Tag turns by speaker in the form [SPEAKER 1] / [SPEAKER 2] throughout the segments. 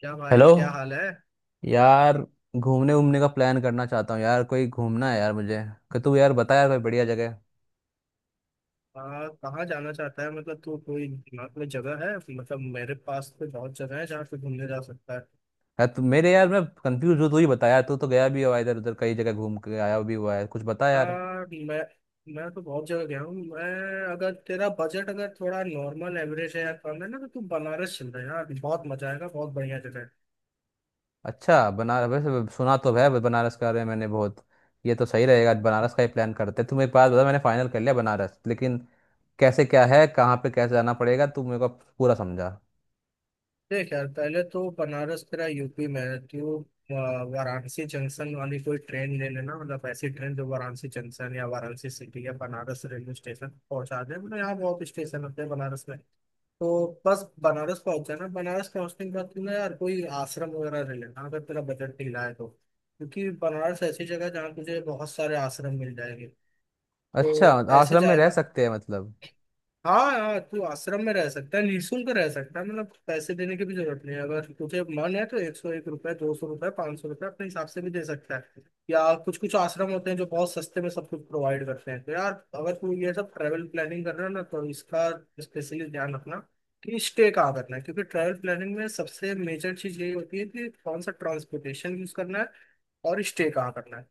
[SPEAKER 1] क्या
[SPEAKER 2] हेलो।
[SPEAKER 1] भाई, क्या हाल है।
[SPEAKER 2] यार, घूमने घूमने का प्लान करना चाहता हूँ यार। कोई घूमना है यार मुझे कि तू यार बता यार कोई बढ़िया जगह।
[SPEAKER 1] कहाँ जाना चाहता है? मतलब तू कोई दिमाग में जगह है? मतलब मेरे पास तो बहुत जगह है जहाँ पे घूमने जा सकता है।
[SPEAKER 2] यार, तू मेरे यार मैं कंफ्यूज हूँ, तू ही बता यार। तू तो गया भी हुआ इधर उधर, कई जगह घूम के आया भी हुआ है, कुछ बता
[SPEAKER 1] आ,
[SPEAKER 2] यार।
[SPEAKER 1] मैं तो बहुत जगह गया हूँ मैं। अगर तेरा बजट अगर थोड़ा नॉर्मल एवरेज है या कम है ना, तो तू बनारस चल रहा है यार, बहुत मजा आएगा, बहुत बढ़िया जगह है।
[SPEAKER 2] अच्छा, बनारस वैसे सुना तो है, बनारस का रहे मैंने बहुत। ये तो सही रहेगा, बनारस का ही प्लान करते हैं। तू मेरे पास बता, मैंने फाइनल कर लिया बनारस। लेकिन कैसे क्या है, कहाँ पे, कैसे जाना पड़ेगा, तू मेरे को पूरा समझा।
[SPEAKER 1] देख यार, पहले तो बनारस तेरा यूपी में है, तो वाराणसी जंक्शन वाली कोई ट्रेन ले लेना, मतलब ऐसी ट्रेन जो वाराणसी जंक्शन या वाराणसी सिटी या बनारस रेलवे स्टेशन पहुंचा दे। मतलब यहाँ बहुत स्टेशन होते हैं बनारस में। तो बस बनारस पहुंच जाना। बनारस पहुंचने के बाद तुमने यार कोई आश्रम वगैरह ले लेना, अगर तेरा बजट ढीला है तो, क्योंकि बनारस ऐसी जगह है जहाँ तुझे बहुत सारे आश्रम मिल जाएंगे। तो
[SPEAKER 2] अच्छा।
[SPEAKER 1] ऐसे
[SPEAKER 2] आश्रम में रह
[SPEAKER 1] जाएगा।
[SPEAKER 2] सकते हैं मतलब?
[SPEAKER 1] हाँ यार, तू आश्रम में रह सकता है, निःशुल्क रह सकता है, मतलब पैसे देने की भी जरूरत नहीं है। अगर तुझे मन है तो 101 रुपए, 200 रुपए, 500 रुपए अपने हिसाब से भी दे सकता है। या कुछ कुछ आश्रम होते हैं जो बहुत सस्ते में सब कुछ प्रोवाइड करते हैं। तो यार, अगर तू ये सब ट्रैवल प्लानिंग कर रहा है ना, तो इसका स्पेशली ध्यान रखना कि स्टे कहाँ करना है, क्योंकि ट्रैवल प्लानिंग में सबसे मेजर चीज यही होती है कि कौन सा ट्रांसपोर्टेशन यूज करना है और स्टे कहाँ करना है।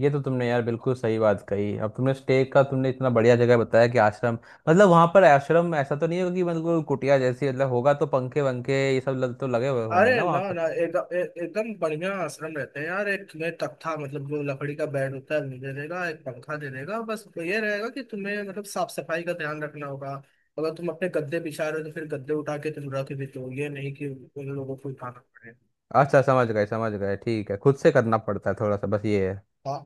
[SPEAKER 2] ये तो तुमने यार बिल्कुल सही बात कही। अब तुमने स्टे का तुमने इतना बढ़िया जगह बताया कि आश्रम, मतलब वहां पर आश्रम ऐसा तो नहीं होगा कि बिल्कुल कुटिया जैसी, मतलब होगा तो पंखे वंखे ये सब तो लगे हुए होंगे
[SPEAKER 1] अरे
[SPEAKER 2] ना वहां
[SPEAKER 1] ना
[SPEAKER 2] पर?
[SPEAKER 1] ना, एकदम एकदम बढ़िया आश्रम रहते हैं यार। एक तुम्हें तख्ता, मतलब जो लकड़ी का बेड होता है वो दे देगा, एक पंखा दे देगा, बस। तो ये रहेगा कि तुम्हें मतलब साफ सफाई का ध्यान रखना होगा। अगर तुम अपने गद्दे बिछा रहे हो तो फिर गद्दे उठा के तुम रख भी दो, ये नहीं कि उन लोगों को उठाना पड़े।
[SPEAKER 2] अच्छा, समझ गए समझ गए। ठीक है, खुद से करना पड़ता है थोड़ा सा, बस ये है।
[SPEAKER 1] हाँ।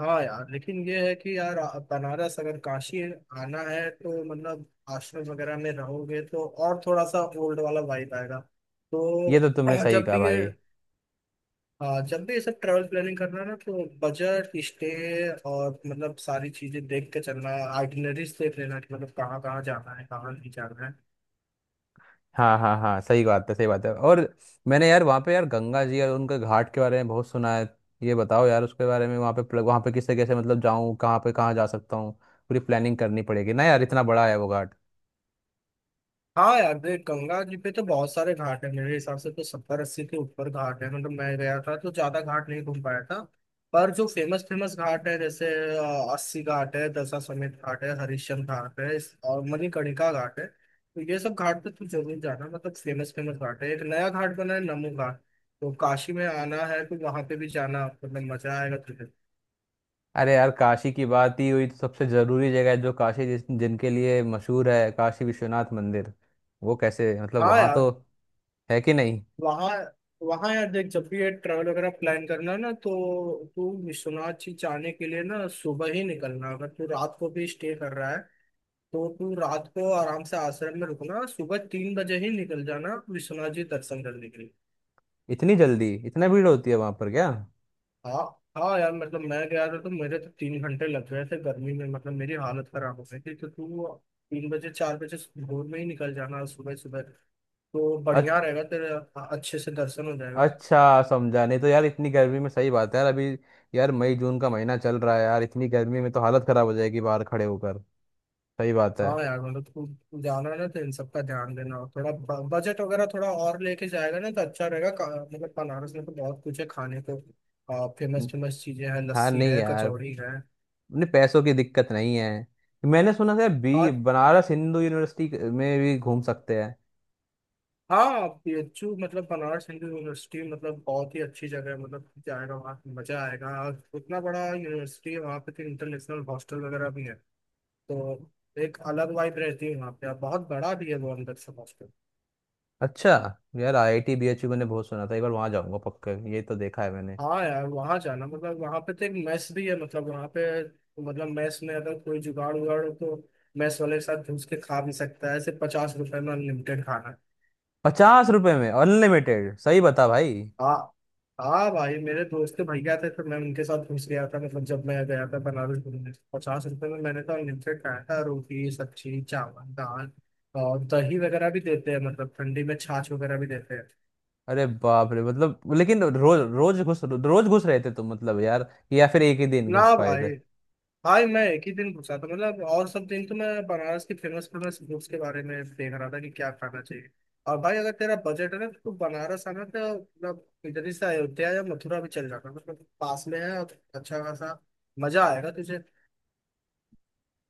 [SPEAKER 1] हाँ यार, लेकिन ये है कि यार बनारस, अगर काशी आना है तो मतलब आश्रम वगैरह में रहोगे तो और थोड़ा सा ओल्ड वाला वाइब आएगा।
[SPEAKER 2] ये तो तुमने
[SPEAKER 1] तो
[SPEAKER 2] सही
[SPEAKER 1] जब
[SPEAKER 2] कहा
[SPEAKER 1] भी ये,
[SPEAKER 2] भाई।
[SPEAKER 1] हाँ, जब भी ये सब ट्रैवल प्लानिंग करना है ना, तो बजट, स्टे और मतलब सारी चीजें देख के चलना है। आइटिनरीज देख लेना कि मतलब कहाँ कहाँ जाना है, कहाँ नहीं जाना है।
[SPEAKER 2] हाँ हाँ हाँ, सही बात है सही बात है। और मैंने यार वहाँ पे यार गंगा जी और उनके घाट के बारे में बहुत सुना है। ये बताओ यार उसके बारे में, वहाँ पे वहाँ पे किससे कैसे मतलब जाऊँ, कहाँ पे कहाँ जा सकता हूँ? पूरी प्लानिंग करनी पड़ेगी ना यार, इतना बड़ा है वो घाट।
[SPEAKER 1] हाँ यार, देख, गंगा जी पे तो बहुत सारे घाट है। मेरे हिसाब से तो 70-80 के ऊपर घाट है। मतलब मैं गया था तो ज्यादा घाट नहीं घूम पाया था, पर जो फेमस फेमस घाट है जैसे अस्सी घाट है, दशा समेत घाट है, हरिश्चंद्र घाट है, और मणिकर्णिका घाट है, तो ये सब घाट पे तू जरूर जाना। मतलब फेमस फेमस घाट है। एक नया घाट बना है, नमो घाट, तो काशी में आना है तो वहां पे भी जाना, मतलब मजा आएगा तुझे।
[SPEAKER 2] अरे यार, काशी की बात ही हुई तो सबसे जरूरी जगह है जो काशी जिस जिनके लिए मशहूर है, काशी विश्वनाथ मंदिर। वो कैसे मतलब
[SPEAKER 1] हाँ
[SPEAKER 2] वहां तो
[SPEAKER 1] यार,
[SPEAKER 2] है कि नहीं?
[SPEAKER 1] वहाँ वहाँ यार देख, जब भी ये ट्रैवल वगैरह प्लान करना ना, तो तू विश्वनाथ जी जाने के लिए ना सुबह ही निकलना। अगर तू रात को भी स्टे कर रहा है तो तू रात को आराम से आश्रम में रुकना, सुबह 3 बजे ही निकल जाना विश्वनाथ जी दर्शन करने के लिए।
[SPEAKER 2] इतनी जल्दी इतना भीड़ होती है वहां पर क्या?
[SPEAKER 1] हाँ। हाँ यार, मतलब मैं गया था तो मेरे तो 3 घंटे लग गए थे गर्मी में, मतलब मेरी हालत खराब हो गई थी। तो तू 3 बजे 4 बजे भोर में ही निकल जाना, सुबह सुबह, तो बढ़िया
[SPEAKER 2] अच-
[SPEAKER 1] रहेगा तेरे, अच्छे से दर्शन हो जाएगा।
[SPEAKER 2] अच्छा समझा। नहीं तो यार इतनी गर्मी में, सही बात है यार अभी। यार मई जून का महीना चल रहा है यार, इतनी गर्मी में तो हालत खराब हो जाएगी बाहर खड़े होकर। सही बात है।
[SPEAKER 1] हाँ यार, मतलब तू जाना ना तो इन सब का ध्यान देना, और थोड़ा बजट वगैरह थोड़ा और लेके जाएगा ना तो अच्छा रहेगा। मतलब बनारस में तो बहुत कुछ है खाने को, फेमस
[SPEAKER 2] हम्म,
[SPEAKER 1] फेमस चीजें हैं,
[SPEAKER 2] हाँ
[SPEAKER 1] लस्सी
[SPEAKER 2] नहीं
[SPEAKER 1] है,
[SPEAKER 2] यार,
[SPEAKER 1] कचौड़ी है
[SPEAKER 2] अपने पैसों की दिक्कत नहीं है। मैंने सुना था बी
[SPEAKER 1] और।
[SPEAKER 2] बनारस हिंदू यूनिवर्सिटी में भी घूम सकते हैं।
[SPEAKER 1] हाँ, बीएचयू मतलब बनारस हिंदू यूनिवर्सिटी, मतलब बहुत ही अच्छी जगह है। मतलब जाएगा वहाँ पे मजा आएगा, और उतना बड़ा यूनिवर्सिटी है वहाँ पे तो इंटरनेशनल हॉस्टल वगैरह भी है। तो एक अलग वाइब रहती है वहाँ पे, और बहुत बड़ा भी है वो अंदर से।
[SPEAKER 2] अच्छा। यार, आईआईटी बीएचयू मैंने बहुत सुना था, एक बार वहां जाऊंगा पक्का, ये तो देखा है मैंने।
[SPEAKER 1] हाँ यार, वहाँ जाना मतलब वहाँ पे तो एक मैस भी है। मतलब वहाँ पे तो, मतलब मैस में अगर कोई जुगाड़ उगाड़ हो तो मैस वाले के साथ घुस के खा भी सकता है, सिर्फ 50 रुपए में अनलिमिटेड खाना।
[SPEAKER 2] 50 रुपए में अनलिमिटेड, सही बता भाई।
[SPEAKER 1] हाँ। हाँ भाई, मेरे दोस्त के भैया थे तो मैं उनके साथ घुस गया था। मतलब जब मैं गया था बनारस घूमने तो 50 रुपए में मैंने तो अनलिमिटेड खाया था, रोटी, सब्जी, चावल, दाल और दही वगैरह भी देते हैं, मतलब ठंडी में छाछ वगैरह भी देते हैं।
[SPEAKER 2] अरे बाप रे, मतलब लेकिन रोज रोज घुस, रोज घुस रहे थे तुम मतलब यार? या फिर एक ही दिन
[SPEAKER 1] ना
[SPEAKER 2] घुस पाए
[SPEAKER 1] भाई।
[SPEAKER 2] थे?
[SPEAKER 1] हाँ, मैं एक ही दिन पूछा था, मतलब और सब दिन तो मैं बनारस की फेमस फेमस फूड्स के बारे में देख रहा था कि क्या खाना चाहिए। और भाई, अगर तेरा बजट है ना तो बनारस आना तो मतलब इधर ही से अयोध्या या मथुरा भी चल जाना, मतलब पास में है और अच्छा खासा मजा आएगा तुझे।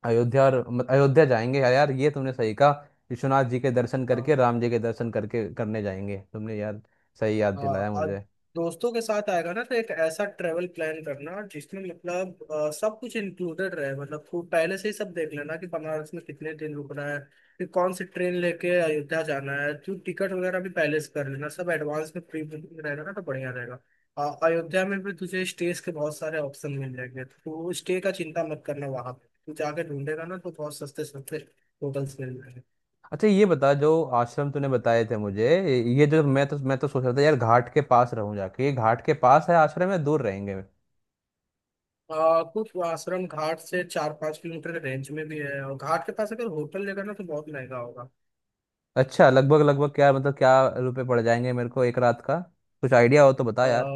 [SPEAKER 2] अयोध्या और मत- अयोध्या जाएंगे यार यार, ये तुमने सही कहा। विश्वनाथ जी के दर्शन करके, राम जी के दर्शन करके करने जाएंगे तुमने यार। सही याद
[SPEAKER 1] हाँ
[SPEAKER 2] दिलाया
[SPEAKER 1] और,
[SPEAKER 2] मुझे।
[SPEAKER 1] दोस्तों के साथ आएगा ना तो एक ऐसा ट्रेवल प्लान करना जिसमें मतलब सब कुछ इंक्लूडेड रहे। मतलब खूब पहले से ही सब देख लेना कि बनारस में कितने दिन रुकना है, फिर कौन सी ट्रेन लेके अयोध्या जाना है, तो टिकट वगैरह भी पहले से कर लेना, सब एडवांस में प्री बुकिंग रहेगा ना तो बढ़िया रहेगा। अयोध्या में भी तुझे स्टेज के बहुत सारे ऑप्शन मिल जाएंगे, तो स्टे का चिंता मत करना। वहां पे तू जाके ढूंढेगा ना तो बहुत सस्ते सस्ते होटल्स मिल जाएंगे।
[SPEAKER 2] अच्छा, ये बता, जो आश्रम तूने बताए थे मुझे ये, जो मैं तो सोच रहा था यार घाट के पास रहूं जाके, ये घाट के पास है आश्रम या दूर रहेंगे?
[SPEAKER 1] कुछ आश्रम घाट से 4-5 किलोमीटर के रेंज में भी है, और घाट के पास अगर होटल लेगा ना तो बहुत महंगा होगा।
[SPEAKER 2] अच्छा, लगभग लगभग क्या मतलब, क्या रुपए पड़ जाएंगे मेरे को एक रात का? कुछ आइडिया हो तो बता
[SPEAKER 1] आ,
[SPEAKER 2] यार।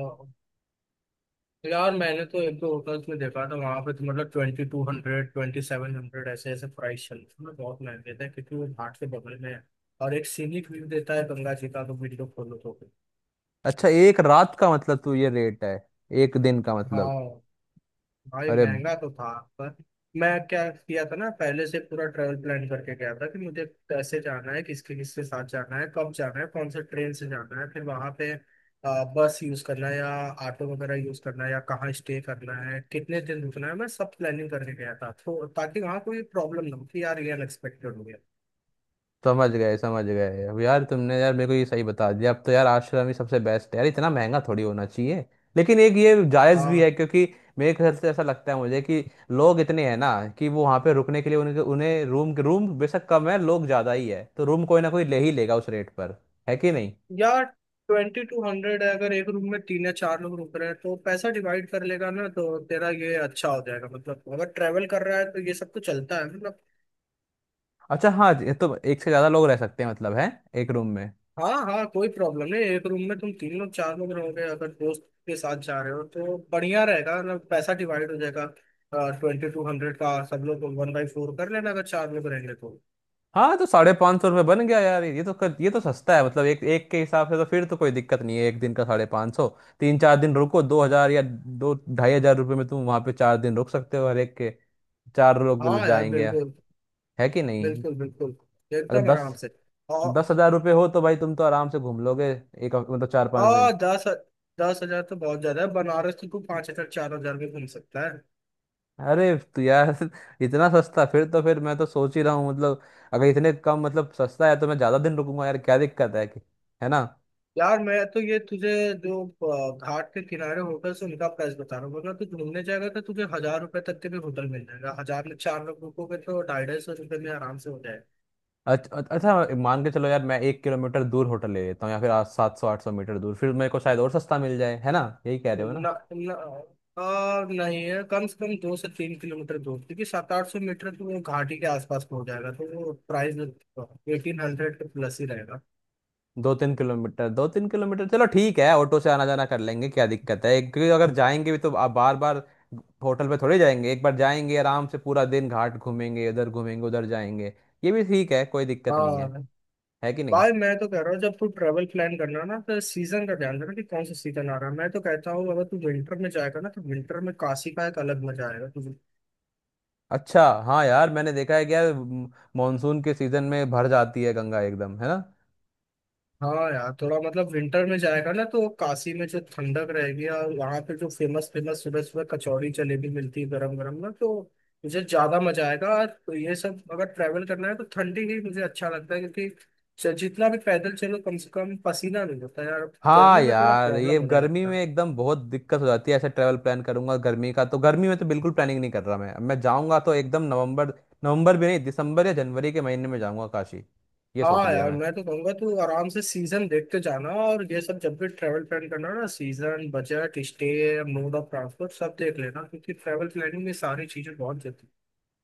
[SPEAKER 1] यार, मैंने तो एक दो होटल्स में देखा था वहाँ पे तो, मतलब 2200, 2700 ऐसे ऐसे प्राइस चल रहे थे। मतलब बहुत महंगे थे क्योंकि वो घाट के बगल में है और एक सीनिक व्यू देता है गंगा जी का, तो वीडियो खोलो तो।
[SPEAKER 2] अच्छा, एक रात का मतलब तू ये रेट है एक दिन का मतलब?
[SPEAKER 1] हाँ भाई,
[SPEAKER 2] अरे
[SPEAKER 1] महंगा तो था पर मैं क्या किया था ना, पहले से पूरा ट्रेवल प्लान करके गया था कि मुझे कैसे जाना है, किसके किसके साथ जाना है, कब जाना है, कौन से ट्रेन से जाना है, फिर वहां पे बस यूज करना है या ऑटो वगैरह यूज करना है, या कहाँ स्टे करना है, कितने दिन रुकना है, मैं सब प्लानिंग करके गया था, तो ताकि वहाँ कोई प्रॉब्लम ना हो कि यार ये अनएक्सपेक्टेड हो
[SPEAKER 2] समझ गए समझ गए। अब यार तुमने यार मेरे को ये सही बता दिया। अब तो यार आश्रम ही सबसे बेस्ट है यार, इतना महंगा थोड़ी होना चाहिए। लेकिन एक ये जायज़ भी
[SPEAKER 1] गया।
[SPEAKER 2] है, क्योंकि मेरे ख्याल से ऐसा लगता है मुझे कि लोग इतने हैं ना, कि वो वहाँ पे रुकने के लिए उनके उन्हें रूम रूम बेशक कम है, लोग ज़्यादा ही है, तो रूम कोई ना कोई ले ही लेगा उस रेट पर, है कि नहीं?
[SPEAKER 1] यार, 2200 है, अगर एक रूम में 3 या 4 लोग रुक रहे हैं तो पैसा डिवाइड कर लेगा ना तो तेरा ये अच्छा हो जाएगा। मतलब अगर ट्रेवल कर रहा है तो ये सब तो चलता है मतलब।
[SPEAKER 2] अच्छा हाँ, ये तो एक से ज्यादा लोग रह सकते हैं मतलब है एक रूम में?
[SPEAKER 1] हाँ हाँ, कोई प्रॉब्लम नहीं, एक रूम में तुम 3 लोग 4 लोग रहोगे, अगर दोस्त के साथ जा रहे हो तो बढ़िया रहेगा, मतलब पैसा डिवाइड हो जाएगा। ट्वेंटी टू हंड्रेड का सब लोग 1/4 कर लेना अगर 4 लोग रहेंगे तो।
[SPEAKER 2] हाँ तो 550 रुपये बन गया यार। ये तो ये तो सस्ता है मतलब एक एक के हिसाब से, तो फिर तो कोई दिक्कत नहीं है। एक दिन का 550, 3-4 दिन रुको, 2,000 या 2,000-2,500 रुपये में तुम वहाँ पे 4 दिन रुक सकते हो हर एक के, चार लोग
[SPEAKER 1] हाँ यार,
[SPEAKER 2] जाएंगे,
[SPEAKER 1] बिल्कुल,
[SPEAKER 2] है कि नहीं?
[SPEAKER 1] बिल्कुल बिल्कुल,
[SPEAKER 2] अगर
[SPEAKER 1] एकदम
[SPEAKER 2] दस
[SPEAKER 1] आराम से। और
[SPEAKER 2] दस हजार रुपये हो तो भाई तुम तो आराम से घूम लोगे, मतलब चार
[SPEAKER 1] आ
[SPEAKER 2] पाँच दिन
[SPEAKER 1] दस 10,000 तो बहुत ज्यादा है, बनारस तो तू 5000, 4000 में घूम सकता है।
[SPEAKER 2] अरे तो यार इतना सस्ता! फिर तो फिर मैं तो सोच ही रहा हूँ मतलब, अगर इतने कम मतलब सस्ता है तो मैं ज्यादा दिन रुकूंगा यार, क्या दिक्कत है कि? है ना?
[SPEAKER 1] यार, मैं तो ये तुझे जो घाट के किनारे होटल से उनका प्राइस बता रहा हूँ, वरना तू घूमने जाएगा तो तुझे 1000 रुपए तक के भी होटल मिल जाएगा। 1000 में 4 लोग रुकोगे तो 250-250 रुपये में आराम से हो जाएगा।
[SPEAKER 2] अच्छा, मान के चलो यार मैं 1 किलोमीटर दूर होटल ले लेता हूँ, या फिर आज 700-800 मीटर दूर, फिर मेरे को शायद और सस्ता मिल जाए, है ना? यही कह रहे हो ना?
[SPEAKER 1] ना, ना, आ, नहीं, है कम से कम 2 से 3 किलोमीटर दूर, क्योंकि 700-800 मीटर तो वो घाटी के आसपास पहुंच जाएगा तो वो प्राइस 1800 के प्लस ही रहेगा।
[SPEAKER 2] 2-3 किलोमीटर 2-3 किलोमीटर, चलो ठीक है, ऑटो से आना जाना कर लेंगे क्या दिक्कत है। क्योंकि अगर
[SPEAKER 1] हम्म।
[SPEAKER 2] जाएंगे भी तो आप बार बार होटल पे थोड़े जाएंगे, एक बार जाएंगे आराम से, पूरा दिन घाट घूमेंगे इधर, घूमेंगे उधर जाएंगे, ये भी ठीक है कोई दिक्कत नहीं
[SPEAKER 1] हाँ
[SPEAKER 2] है, है कि नहीं?
[SPEAKER 1] भाई, मैं तो कह रहा हूँ, जब तू ट्रेवल प्लान करना ना तो सीजन का ध्यान रखना कि कौन सा सीजन आ रहा है। मैं तो कहता हूँ अगर तू विंटर में जाएगा ना तो विंटर में काशी का एक अलग मजा आएगा तुझे।
[SPEAKER 2] अच्छा हाँ यार, मैंने देखा है क्या मानसून के सीजन में भर जाती है गंगा एकदम, है ना?
[SPEAKER 1] हाँ यार, थोड़ा मतलब विंटर में जाएगा ना तो काशी में जो ठंडक रहेगी, और वहाँ पे जो फेमस फेमस सुबह सुबह कचौड़ी जलेबी मिलती है गरम गरम ना, तो मुझे ज्यादा मजा आएगा। और तो ये सब अगर ट्रैवल करना है तो ठंडी ही मुझे अच्छा लगता है, क्योंकि जितना भी पैदल चलो कम से कम पसीना नहीं होता यार।
[SPEAKER 2] हाँ
[SPEAKER 1] गर्मी में थोड़ा
[SPEAKER 2] यार, ये
[SPEAKER 1] प्रॉब्लम होने
[SPEAKER 2] गर्मी
[SPEAKER 1] लगता
[SPEAKER 2] में
[SPEAKER 1] है।
[SPEAKER 2] एकदम बहुत दिक्कत हो जाती है, ऐसे ट्रैवल प्लान करूंगा गर्मी का? तो गर्मी में तो बिल्कुल प्लानिंग नहीं कर रहा मैं, अब मैं जाऊंगा तो एकदम नवंबर। नवंबर भी नहीं, दिसंबर या जनवरी के महीने में जाऊंगा काशी, ये सोच
[SPEAKER 1] हाँ
[SPEAKER 2] लिया
[SPEAKER 1] यार,
[SPEAKER 2] मैं।
[SPEAKER 1] मैं तो कहूंगा तू आराम से सीजन देखते जाना, और ये सब जब भी ट्रैवल प्लान करना ना, season, budget, stay, mode of transport सब देख लेना, क्योंकि ट्रैवल प्लानिंग में सारी चीजें बहुत जरूरी हैं।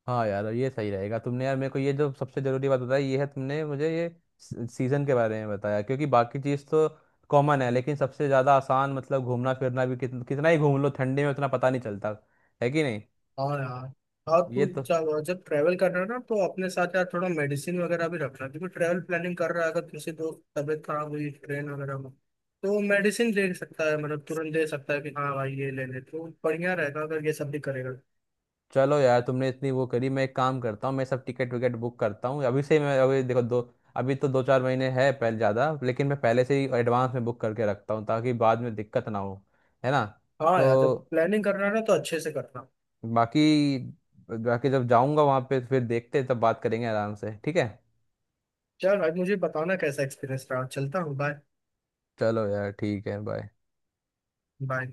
[SPEAKER 2] हाँ यार, ये सही रहेगा। तुमने यार मेरे को ये जो सबसे जरूरी बात बताई ये है, तुमने मुझे ये सीजन के बारे में बताया, क्योंकि बाकी चीज़ तो कॉमन है। लेकिन सबसे ज़्यादा आसान मतलब घूमना फिरना भी कितना ही घूम लो ठंडे में उतना पता नहीं चलता, है कि नहीं?
[SPEAKER 1] हाँ यार, और
[SPEAKER 2] ये
[SPEAKER 1] तू
[SPEAKER 2] तो
[SPEAKER 1] जब जब ट्रैवल कर रहा है ना तो अपने साथ यार थोड़ा मेडिसिन वगैरह भी रखना, क्योंकि ट्रैवल प्लानिंग कर रहा है, अगर किसी दोस्त तबीयत खराब हुई ट्रेन वगैरह में तो मेडिसिन दे सकता है, मतलब तुरंत दे सकता है कि हाँ भाई ये ले ले, तो बढ़िया रहेगा अगर ये सब भी करेगा।
[SPEAKER 2] चलो यार, तुमने इतनी वो करी। मैं एक काम करता हूँ, मैं सब टिकट विकेट बुक करता हूँ अभी से। मैं अभी देखो दो, अभी तो 2-4 महीने है पहले ज़्यादा, लेकिन मैं पहले से ही एडवांस में बुक करके रखता हूँ ताकि बाद में दिक्कत ना हो, है ना?
[SPEAKER 1] हाँ यार, जब
[SPEAKER 2] तो
[SPEAKER 1] प्लानिंग कर रहा है ना तो अच्छे से करना।
[SPEAKER 2] बाकी बाकी, जब जाऊंगा वहां पे फिर देखते हैं, तब बात करेंगे आराम से, ठीक है।
[SPEAKER 1] चल, आज मुझे बताना कैसा एक्सपीरियंस रहा। चलता हूँ, बाय।
[SPEAKER 2] चलो यार, ठीक है, बाय।
[SPEAKER 1] बाय।